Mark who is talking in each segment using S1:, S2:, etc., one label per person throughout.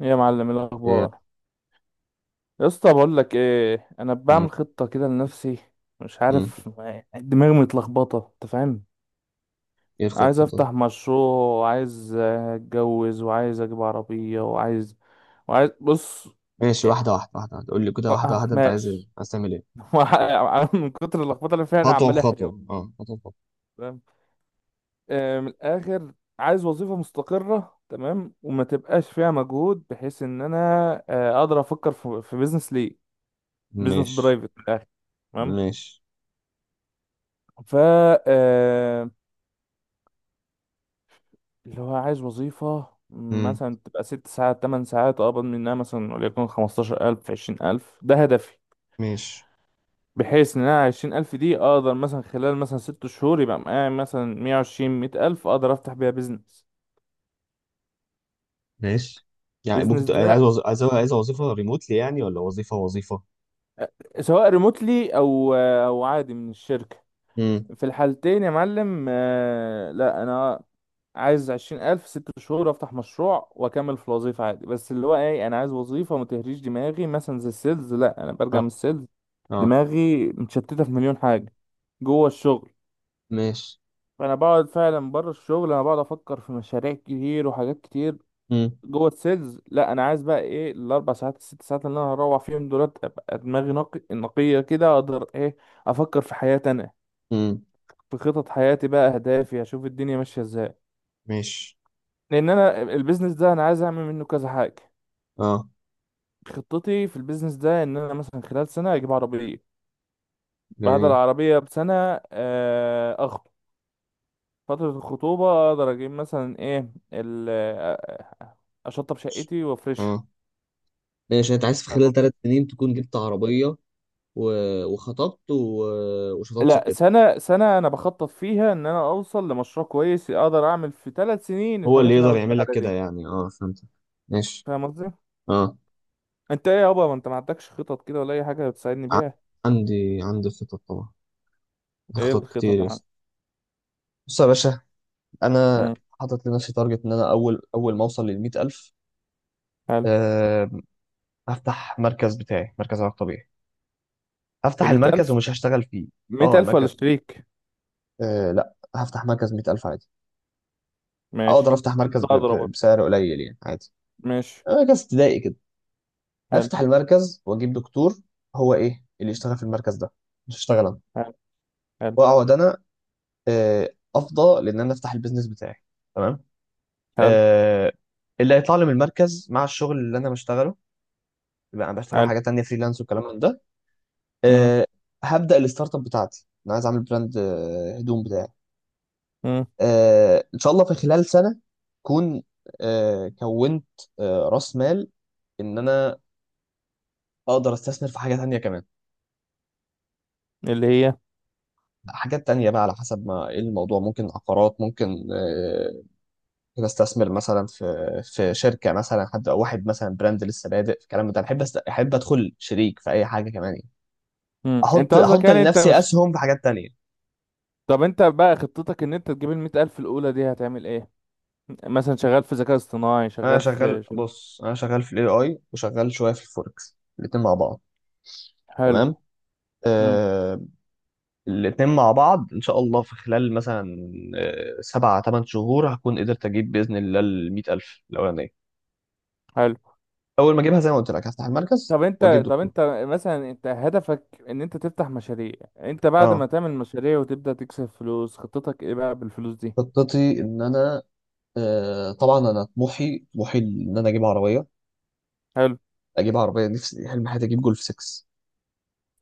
S1: إيه يا معلم، إيه
S2: ايه.
S1: الاخبار؟ يا اسطى بقول لك ايه، انا
S2: مم.
S1: بعمل خطه كده لنفسي. مش
S2: مم.
S1: عارف، دماغي متلخبطه، انت فاهم.
S2: ايه
S1: عايز
S2: الخطة طيب؟
S1: افتح مشروع وعايز اتجوز وعايز اجيب عربيه وعايز بص.
S2: ماشي،
S1: إيه،
S2: واحدة واحدة واحدة واحدة، قول لي كده واحدة واحدة. انت عايز ايه؟
S1: ماشي.
S2: عايز تعمل ايه؟
S1: من كتر اللخبطه اللي فيها انا
S2: خطوة
S1: عمال اهري أهو.
S2: بخطوة، اه، خطوة بخطوة.
S1: فاهم. من الاخر عايز وظيفه مستقره، تمام، وما تبقاش فيها مجهود بحيث ان انا اقدر افكر في بيزنس ليه. بيزنس
S2: ماشي،
S1: برايفت من الاخر.
S2: ماشي.
S1: ف آه، اللي هو عايز وظيفة
S2: مم.
S1: مثلا تبقى 6 ساعات 8 ساعات، أقبض منها مثلا وليكن 15,000 20,000، ده هدفي.
S2: ماشي،
S1: بحيث إن أنا 20,000 دي أقدر مثلا خلال مثلا 6 شهور يبقى معايا مثلا مية وعشرين مية ألف، أقدر أفتح بيها بيزنس.
S2: ماشي. يعني ممكن
S1: بيزنس
S2: تبقى
S1: ده
S2: عايز عايز وظيفة ريموتلي يعني، ولا وظيفة وظيفة؟
S1: سواء ريموتلي أو عادي من الشركة،
S2: امم.
S1: في الحالتين يا معلم. لا أنا عايز 20,000 6 شهور أفتح مشروع وأكمل في الوظيفة عادي. بس اللي هو إيه، أنا عايز وظيفة ما تهريش دماغي، مثلا زي السيلز لأ، أنا برجع
S2: اه،
S1: من السيلز
S2: اه.
S1: دماغي متشتتة في مليون حاجة جوه الشغل.
S2: ماشي.
S1: فأنا بقعد فعلا بره الشغل، أنا بقعد أفكر في مشاريع كتير وحاجات كتير.
S2: امم،
S1: جوه السيلز لأ. أنا عايز بقى إيه، الأربع ساعات الست ساعات اللي أنا هروح فيهم دولت أبقى دماغي نقية كده، أقدر إيه، أفكر في حياتي أنا،
S2: امم.
S1: في خطط حياتي بقى، أهدافي، أشوف الدنيا ماشية إزاي.
S2: ماشي.
S1: لأن أنا البيزنس ده أنا عايز أعمل منه كذا حاجة.
S2: اه.
S1: خطتي في البيزنس ده ان انا مثلا خلال سنه اجيب عربيه، بعد
S2: جميل.
S1: العربيه بسنه اخطب، فتره الخطوبه اقدر اجيب مثلا ايه اشطب شقتي وافرشها.
S2: اه، ماشي. يعني انت عايز في
S1: فاهم
S2: خلال
S1: قصدي؟
S2: 3 سنين تكون جبت عربية، و... وخطبت، وشطبت
S1: لا
S2: شقتك؟
S1: سنه سنه انا بخطط فيها ان انا اوصل لمشروع كويس، اقدر اعمل في 3 سنين
S2: هو اللي
S1: الحاجات اللي انا
S2: يقدر
S1: قلت
S2: يعمل
S1: لك
S2: لك
S1: عليها
S2: كده
S1: دي.
S2: يعني، اه، فهمت. ماشي.
S1: فاهم قصدي.
S2: اه.
S1: انت ايه يابا، ما انت ما عندكش خطط كده ولا اي حاجه تساعدني
S2: ع-
S1: بيها؟
S2: عندي خطط طبعا. عندي
S1: ايه
S2: خطط كتير
S1: الخطط يا
S2: يا
S1: معلم؟
S2: اسطى. بص يا باشا. انا
S1: امم.
S2: حاطط لنفسي تارجت، ان انا اول ما اوصل لل 100000.
S1: حلو.
S2: أه. هفتح مركز بتاعي، مركز علاج طبيعي.
S1: ب
S2: هفتح المركز
S1: 100,000؟
S2: ومش هشتغل فيه. اه،
S1: 100,000 ولا
S2: المركز.
S1: شريك؟
S2: أه، لا، هفتح مركز 100000 عادي. اقدر
S1: ماشي.
S2: افتح مركز
S1: انت اضرب برضه.
S2: بسعر قليل يعني، عادي.
S1: ماشي.
S2: مركز ابتدائي كده. هفتح المركز واجيب دكتور. هو ايه اللي يشتغل في المركز ده؟ مش هشتغل انا.
S1: حلو. حلو.
S2: واقعد انا، افضى، لان انا افتح البيزنس بتاعي. تمام.
S1: حلو.
S2: آه، اللي هيطلع لي من المركز مع الشغل اللي انا بشتغله، يبقى انا بشتغل
S1: حلو.
S2: حاجات تانية فريلانس والكلام من ده.
S1: مم.
S2: آه، هبدا الستارت اب بتاعتي. انا عايز اعمل براند، هدوم بتاعي.
S1: مم.
S2: ان شاء الله في خلال سنه اكون كونت راس مال، ان انا اقدر استثمر في حاجه تانية كمان.
S1: اللي هي.
S2: حاجات تانية بقى على حسب ما ايه الموضوع، ممكن عقارات، ممكن، بستثمر مثلا في شركه، مثلا حد او واحد مثلا براند لسه بادئ في الكلام ده، بحب احب ادخل شريك في اي حاجه كمان يعني.
S1: مم. انت
S2: احط
S1: قصدك
S2: احط
S1: يعني انت
S2: لنفسي
S1: مش.
S2: اسهم في حاجات تانية.
S1: طب انت بقى خطتك ان انت تجيب 100,000 الأولى دي هتعمل ايه؟ مثلا شغال في ذكاء اصطناعي،
S2: انا
S1: شغال
S2: شغال.
S1: في شغال.
S2: بص، انا شغال في الاي اي، وشغال شويه في الفوركس، الاتنين مع بعض.
S1: حلو.
S2: تمام.
S1: مم.
S2: آه... الاتنين مع بعض، ان شاء الله في خلال مثلا 7 8 شهور هكون قدرت اجيب باذن الله ال 100000 الاولانيه.
S1: حلو.
S2: اول ما اجيبها زي ما قلت لك هفتح المركز
S1: طب
S2: واجيب
S1: انت طب
S2: دكتور.
S1: انت مثلا انت هدفك ان انت تفتح مشاريع، انت بعد
S2: اه،
S1: ما تعمل مشاريع وتبدأ تكسب فلوس خطتك ايه بقى بالفلوس دي؟
S2: خطتي ان انا، طبعا انا طموحي، طموحي، ان انا اجيب عربيه،
S1: حلو.
S2: اجيب عربيه. نفسي، حلم حياتي، اجيب جولف 6،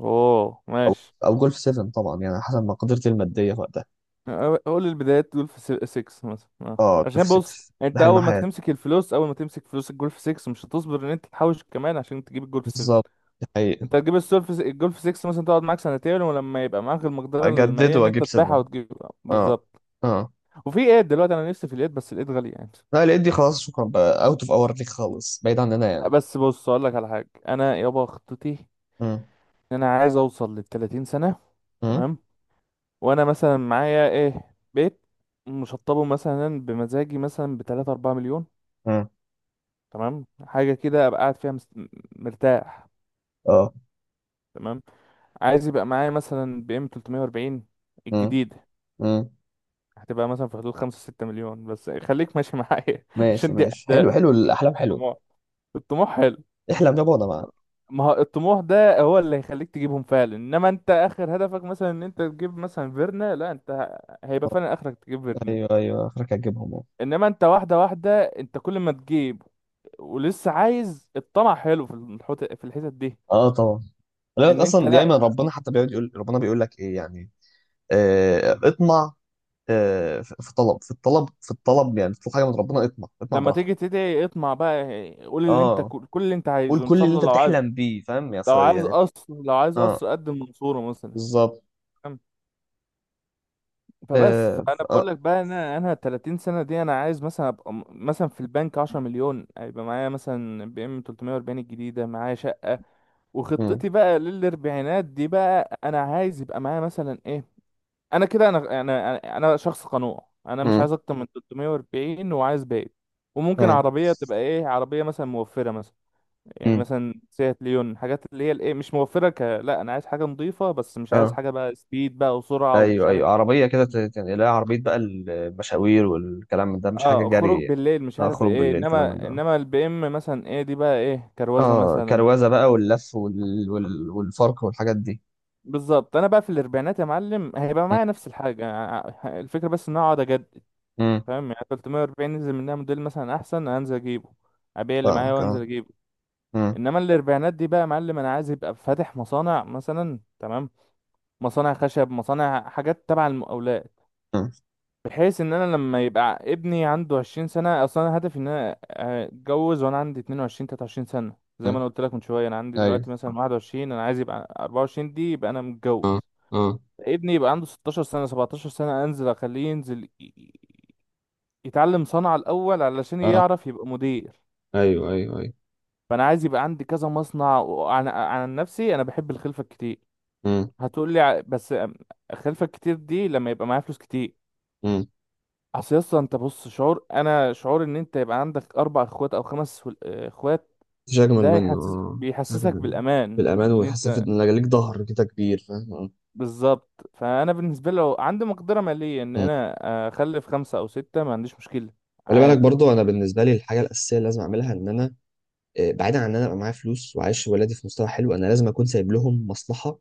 S1: اوه
S2: او
S1: ماشي.
S2: او جولف 7، طبعا يعني حسب مقدرتي الماديه في وقتها.
S1: قول البدايات دول في 6 مثلا، اه
S2: اه،
S1: عشان
S2: جولف 6
S1: بص
S2: ده
S1: انت
S2: حلم
S1: اول ما
S2: حياتي.
S1: تمسك الفلوس، اول ما تمسك فلوس الجول في 6 مش هتصبر ان انت تحوش كمان عشان تجيب الجول في 7.
S2: بالظبط، دي حقيقه.
S1: انت هتجيب السول في الجول في 6، مثلا تقعد معاك سنتين، ولما يبقى معاك المقدره
S2: اجدد
S1: الماليه ان انت
S2: واجيب
S1: تبيعها
S2: 7.
S1: وتجيب.
S2: اه،
S1: بالظبط.
S2: اه.
S1: وفي ايد دلوقتي انا نفسي في الايد بس الايد غاليه يعني.
S2: لا، لقيت دي خلاص، شكرا بقى، اوت اوف اور ليك خالص، بعيد عننا يعني.
S1: بس بص اقول لك على حاجه، انا يابا خطتي
S2: امم،
S1: ان انا عايز اوصل لل 30 سنه،
S2: امم،
S1: تمام، وانا مثلا معايا ايه، بيت مشطبه مثلا بمزاجي مثلا ب 3 4 مليون،
S2: امم،
S1: تمام، حاجه كده ابقى قاعد فيها مرتاح،
S2: اه،
S1: تمام. عايز يبقى معايا مثلا بي ام 340
S2: امم،
S1: الجديده.
S2: امم.
S1: هتبقى مثلا في حدود 5 6 مليون، بس خليك ماشي معايا
S2: ماشي
S1: عشان دي
S2: ماشي، حلو
S1: اهداف.
S2: حلو، الاحلام حلوه.
S1: طموح. الطموح حلو.
S2: احلم يابا، انا معاك.
S1: ما هو الطموح ده هو اللي هيخليك تجيبهم فعلا، انما انت اخر هدفك مثلا ان انت تجيب مثلا فيرنا، لا انت هيبقى فعلا اخرك تجيب فيرنا.
S2: ايوه، ايوه، اخرك هتجيبهم، اه.
S1: انما انت واحده واحده، انت كل ما تجيب ولسه عايز، الطمع حلو في في الحتت دي.
S2: آه، طبعا. ولكن
S1: ان انت
S2: اصلا دايما
S1: لا.
S2: ربنا حتى بيقعد يقول، ربنا بيقول لك ايه يعني؟ آه، اطمع. آه، في الطلب، في الطلب، في الطلب، يعني تطلب حاجه من ربنا، اطمع، اطمع
S1: لما
S2: براحتك.
S1: تيجي تدعي اطمع بقى، قول اللي انت،
S2: اه،
S1: كل اللي انت
S2: قول
S1: عايزه ان
S2: كل
S1: شاء
S2: اللي
S1: الله،
S2: انت
S1: لو عايز
S2: بتحلم بيه فاهم يا
S1: لو عايز
S2: يعني.
S1: قصر، لو عايز
S2: اه،
S1: قصر قدم منصورة مثلا.
S2: بالظبط،
S1: فاهم؟ فبس
S2: اه،
S1: فانا بقول
S2: اه.
S1: لك بقى، انا 30 سنة دي انا عايز مثلا ابقى مثلا في البنك 10 مليون، هيبقى معايا مثلا بي ام 340 الجديدة، معايا شقة.
S2: مم.
S1: وخطتي بقى للاربعينات دي بقى انا عايز يبقى معايا مثلا ايه، انا كده انا انا انا أنا شخص قنوع. انا مش
S2: مم.
S1: عايز اكتر من 340 وعايز باقي. وممكن
S2: مم.
S1: عربية تبقى ايه، عربية مثلا موفرة مثلا، يعني
S2: مم.
S1: مثلا سيات ليون، حاجات اللي هي الايه مش موفره، لا انا عايز حاجه نظيفه بس مش عايز
S2: اه،
S1: حاجه بقى سبيد بقى وسرعه ومش
S2: ايوه،
S1: عارف.
S2: ايوه، عربيه كده يعني، لا، عربيه بقى المشاوير والكلام من ده، مش حاجه
S1: اه
S2: جري
S1: خروج
S2: يعني.
S1: بالليل مش
S2: اه،
S1: عارف
S2: خروج
S1: ايه،
S2: بالليل الكلام من
S1: انما
S2: ده.
S1: انما البي ام مثلا ايه دي بقى، ايه، كروزه
S2: اه،
S1: مثلا.
S2: كروزه بقى، واللف والفرق والحاجات دي.
S1: بالظبط. انا بقى في الاربعينات يا معلم هيبقى
S2: مم.
S1: معايا نفس الحاجه، الفكره بس ان أنا اقعد اجدد.
S2: مم.
S1: فاهم يعني 340 نزل منها موديل مثلا احسن انزل اجيبه، ابيع اللي معايا
S2: فاهمك،
S1: وانزل
S2: اه.
S1: اجيبه.
S2: مم.
S1: انما الاربعينات دي بقى يا معلم انا عايز يبقى فاتح مصانع مثلا، تمام، مصانع خشب، مصانع حاجات تبع المقاولات،
S2: مم.
S1: بحيث ان انا لما يبقى ابني عنده 20 سنه. اصلا انا هدفي ان انا اتجوز وانا عندي 22 23 سنه، زي ما
S2: مم.
S1: انا قلت لك من شويه، انا عندي
S2: ايوه،
S1: دلوقتي مثلا 21، انا عايز يبقى 24 دي يبقى انا متجوز.
S2: اه،
S1: ابني يبقى عنده 16 سنه 17 سنه انزل اخليه ينزل يتعلم صنعه الاول علشان
S2: اه،
S1: يعرف يبقى مدير.
S2: ايوه، ايوه، ايوه.
S1: فانا عايز يبقى عندي كذا مصنع. وعن نفسي انا بحب الخلفه الكتير.
S2: مم.
S1: هتقول لي بس الخلفه الكتير دي لما يبقى معايا فلوس كتير.
S2: مم.
S1: اصلا انت بص، شعور ان انت يبقى عندك 4 اخوات او خمس اخوات،
S2: مفيش اجمل
S1: ده
S2: منه، اه، مفيش أجمل
S1: بيحسسك
S2: منه.
S1: بالامان،
S2: بالامان،
S1: ان
S2: وتحس
S1: انت.
S2: ان ليك ظهر كده كبير، فاهم، آه.
S1: بالظبط. فانا بالنسبه لي لو عندي مقدره ماليه ان
S2: مم.
S1: انا اخلف خمسه او سته ما عنديش مشكله،
S2: خلي بالك
S1: عادي.
S2: برضو، انا بالنسبه لي الحاجه الاساسيه اللي لازم اعملها ان انا، بعيدا عن ان انا ابقى معايا فلوس وعايش ولادي في مستوى حلو، انا لازم اكون سايب لهم مصلحه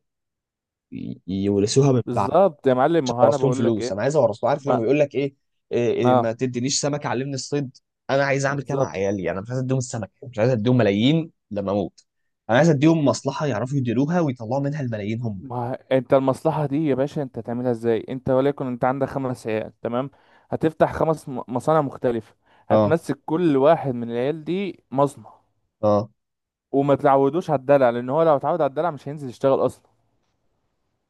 S2: يورثوها من بعد.
S1: بالظبط يا معلم.
S2: مش
S1: ما هو انا
S2: هورث لهم
S1: بقول لك
S2: فلوس،
S1: ايه.
S2: انا عايز اورث له. عارف لما
S1: ما.
S2: بيقول لك ايه؟ إيه، إيه، ما
S1: اه.
S2: تدينيش سمك علمني الصيد. انا عايز اعمل كده مع
S1: بالظبط.
S2: عيالي يعني، انا مش عايز اديهم السمك، مش عايز اديهم ملايين لما اموت. انا عايز اديهم مصلحه يعرفوا يديروها ويطلعوا منها الملايين هم.
S1: ما هو انت المصلحه دي يا باشا انت هتعملها ازاي؟ انت وليكن انت عندك 5 عيال، تمام، هتفتح 5 مصانع مختلفه،
S2: اه،
S1: هتمسك كل واحد من العيال دي مصنع.
S2: اه،
S1: وما تعودوش على الدلع لان هو لو اتعود على الدلع مش هينزل يشتغل اصلا.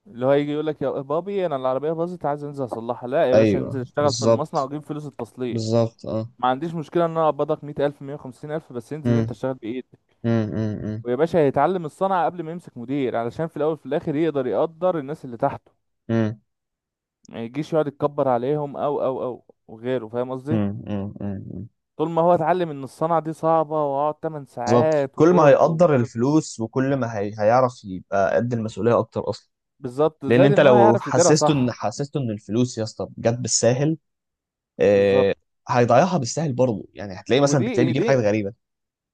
S1: اللي هو يجي يقول لك يا بابي انا العربيه باظت عايز انزل اصلحها، لا يا باشا انزل
S2: ايوه،
S1: اشتغل في المصنع
S2: بالظبط.
S1: واجيب فلوس التصليح.
S2: بالظبط، اه.
S1: ما عنديش مشكله ان انا اقبضك 100,000 150,000 بس انزل انت
S2: امم،
S1: اشتغل بايدك.
S2: امم،
S1: ويا باشا هيتعلم الصنعه قبل ما يمسك مدير علشان في الاول وفي الاخر يقدر الناس اللي تحته،
S2: امم،
S1: ما يجيش يقعد يتكبر عليهم او وغيره. فاهم قصدي.
S2: امم.
S1: طول ما هو اتعلم ان الصنعه دي صعبه، واقعد 8
S2: بالظبط،
S1: ساعات
S2: كل ما
S1: وجهد ومش
S2: هيقدر
S1: عارف.
S2: الفلوس وكل ما هيعرف يبقى قد المسؤوليه اكتر اصلا.
S1: بالظبط،
S2: لان
S1: زائد
S2: انت
S1: ان هو
S2: لو
S1: هيعرف يديرها صح.
S2: حسسته ان الفلوس يا اسطى جت بالساهل،
S1: بالظبط.
S2: آه، هيضيعها بالسهل برضه يعني، هتلاقيه مثلا
S1: ودي
S2: بتلاقيه بيجيب
S1: دي
S2: حاجات غريبه.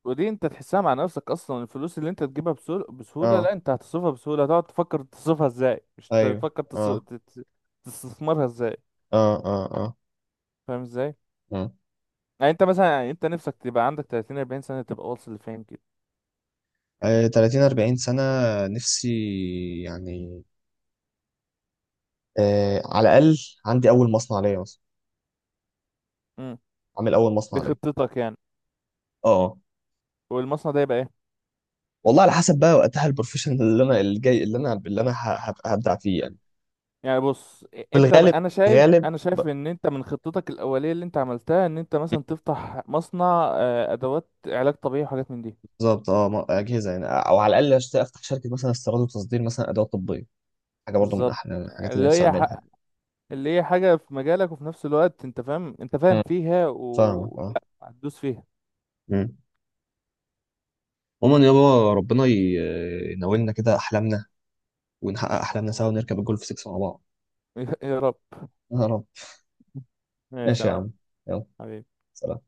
S1: ودي انت تحسها مع نفسك اصلا، الفلوس اللي انت تجيبها بسهولة، بسهولة، لا
S2: اه،
S1: انت هتصرفها بسهولة، هتقعد تفكر تصرفها ازاي، مش
S2: ايوه.
S1: تفكر
S2: اه،
S1: تستثمرها ازاي.
S2: اه، اه، اه.
S1: فاهم ازاي.
S2: اه
S1: يعني انت مثلا، يعني انت نفسك تبقى عندك 30 40 سنة تبقى واصل لفين كده؟
S2: 30 40 سنه نفسي يعني. آه، على الاقل عندي اول مصنع ليا مثلا،
S1: امم.
S2: عامل اول
S1: دي
S2: مصنع ليا.
S1: خطتك يعني.
S2: اه.
S1: والمصنع ده يبقى ايه؟
S2: والله على حسب بقى وقتها، البروفيشن اللي انا الجاي، اللي انا هبدع فيه يعني.
S1: يعني بص
S2: في
S1: انت
S2: الغالب.
S1: انا شايف
S2: غالب،
S1: انا شايف ان انت من خطتك الاولية اللي انت عملتها ان انت مثلا تفتح مصنع ادوات علاج طبيعي وحاجات من دي.
S2: بالظبط، اه، اجهزه يعني، او على الاقل افتح شركه مثلا استيراد وتصدير، مثلا ادوات طبيه. حاجه برضو من
S1: بالظبط.
S2: احلى الحاجات اللي أنا
S1: اللي
S2: نفسي
S1: هي ح-
S2: اعملها.
S1: اللي هي حاجة في مجالك، وفي نفس الوقت انت فاهم
S2: مم.
S1: فيها
S2: فاهمك،
S1: و
S2: اه.
S1: لا هتدوس فيها.
S2: مم. عموما يابا، ربنا يناولنا كده احلامنا، ونحقق احلامنا سوا، ونركب الجولف 6 مع بعض.
S1: يا رب.
S2: يا رب.
S1: ماشي
S2: ماشي
S1: يا
S2: يا
S1: معلم.
S2: عم. يلا.
S1: حبيبي.
S2: سلام.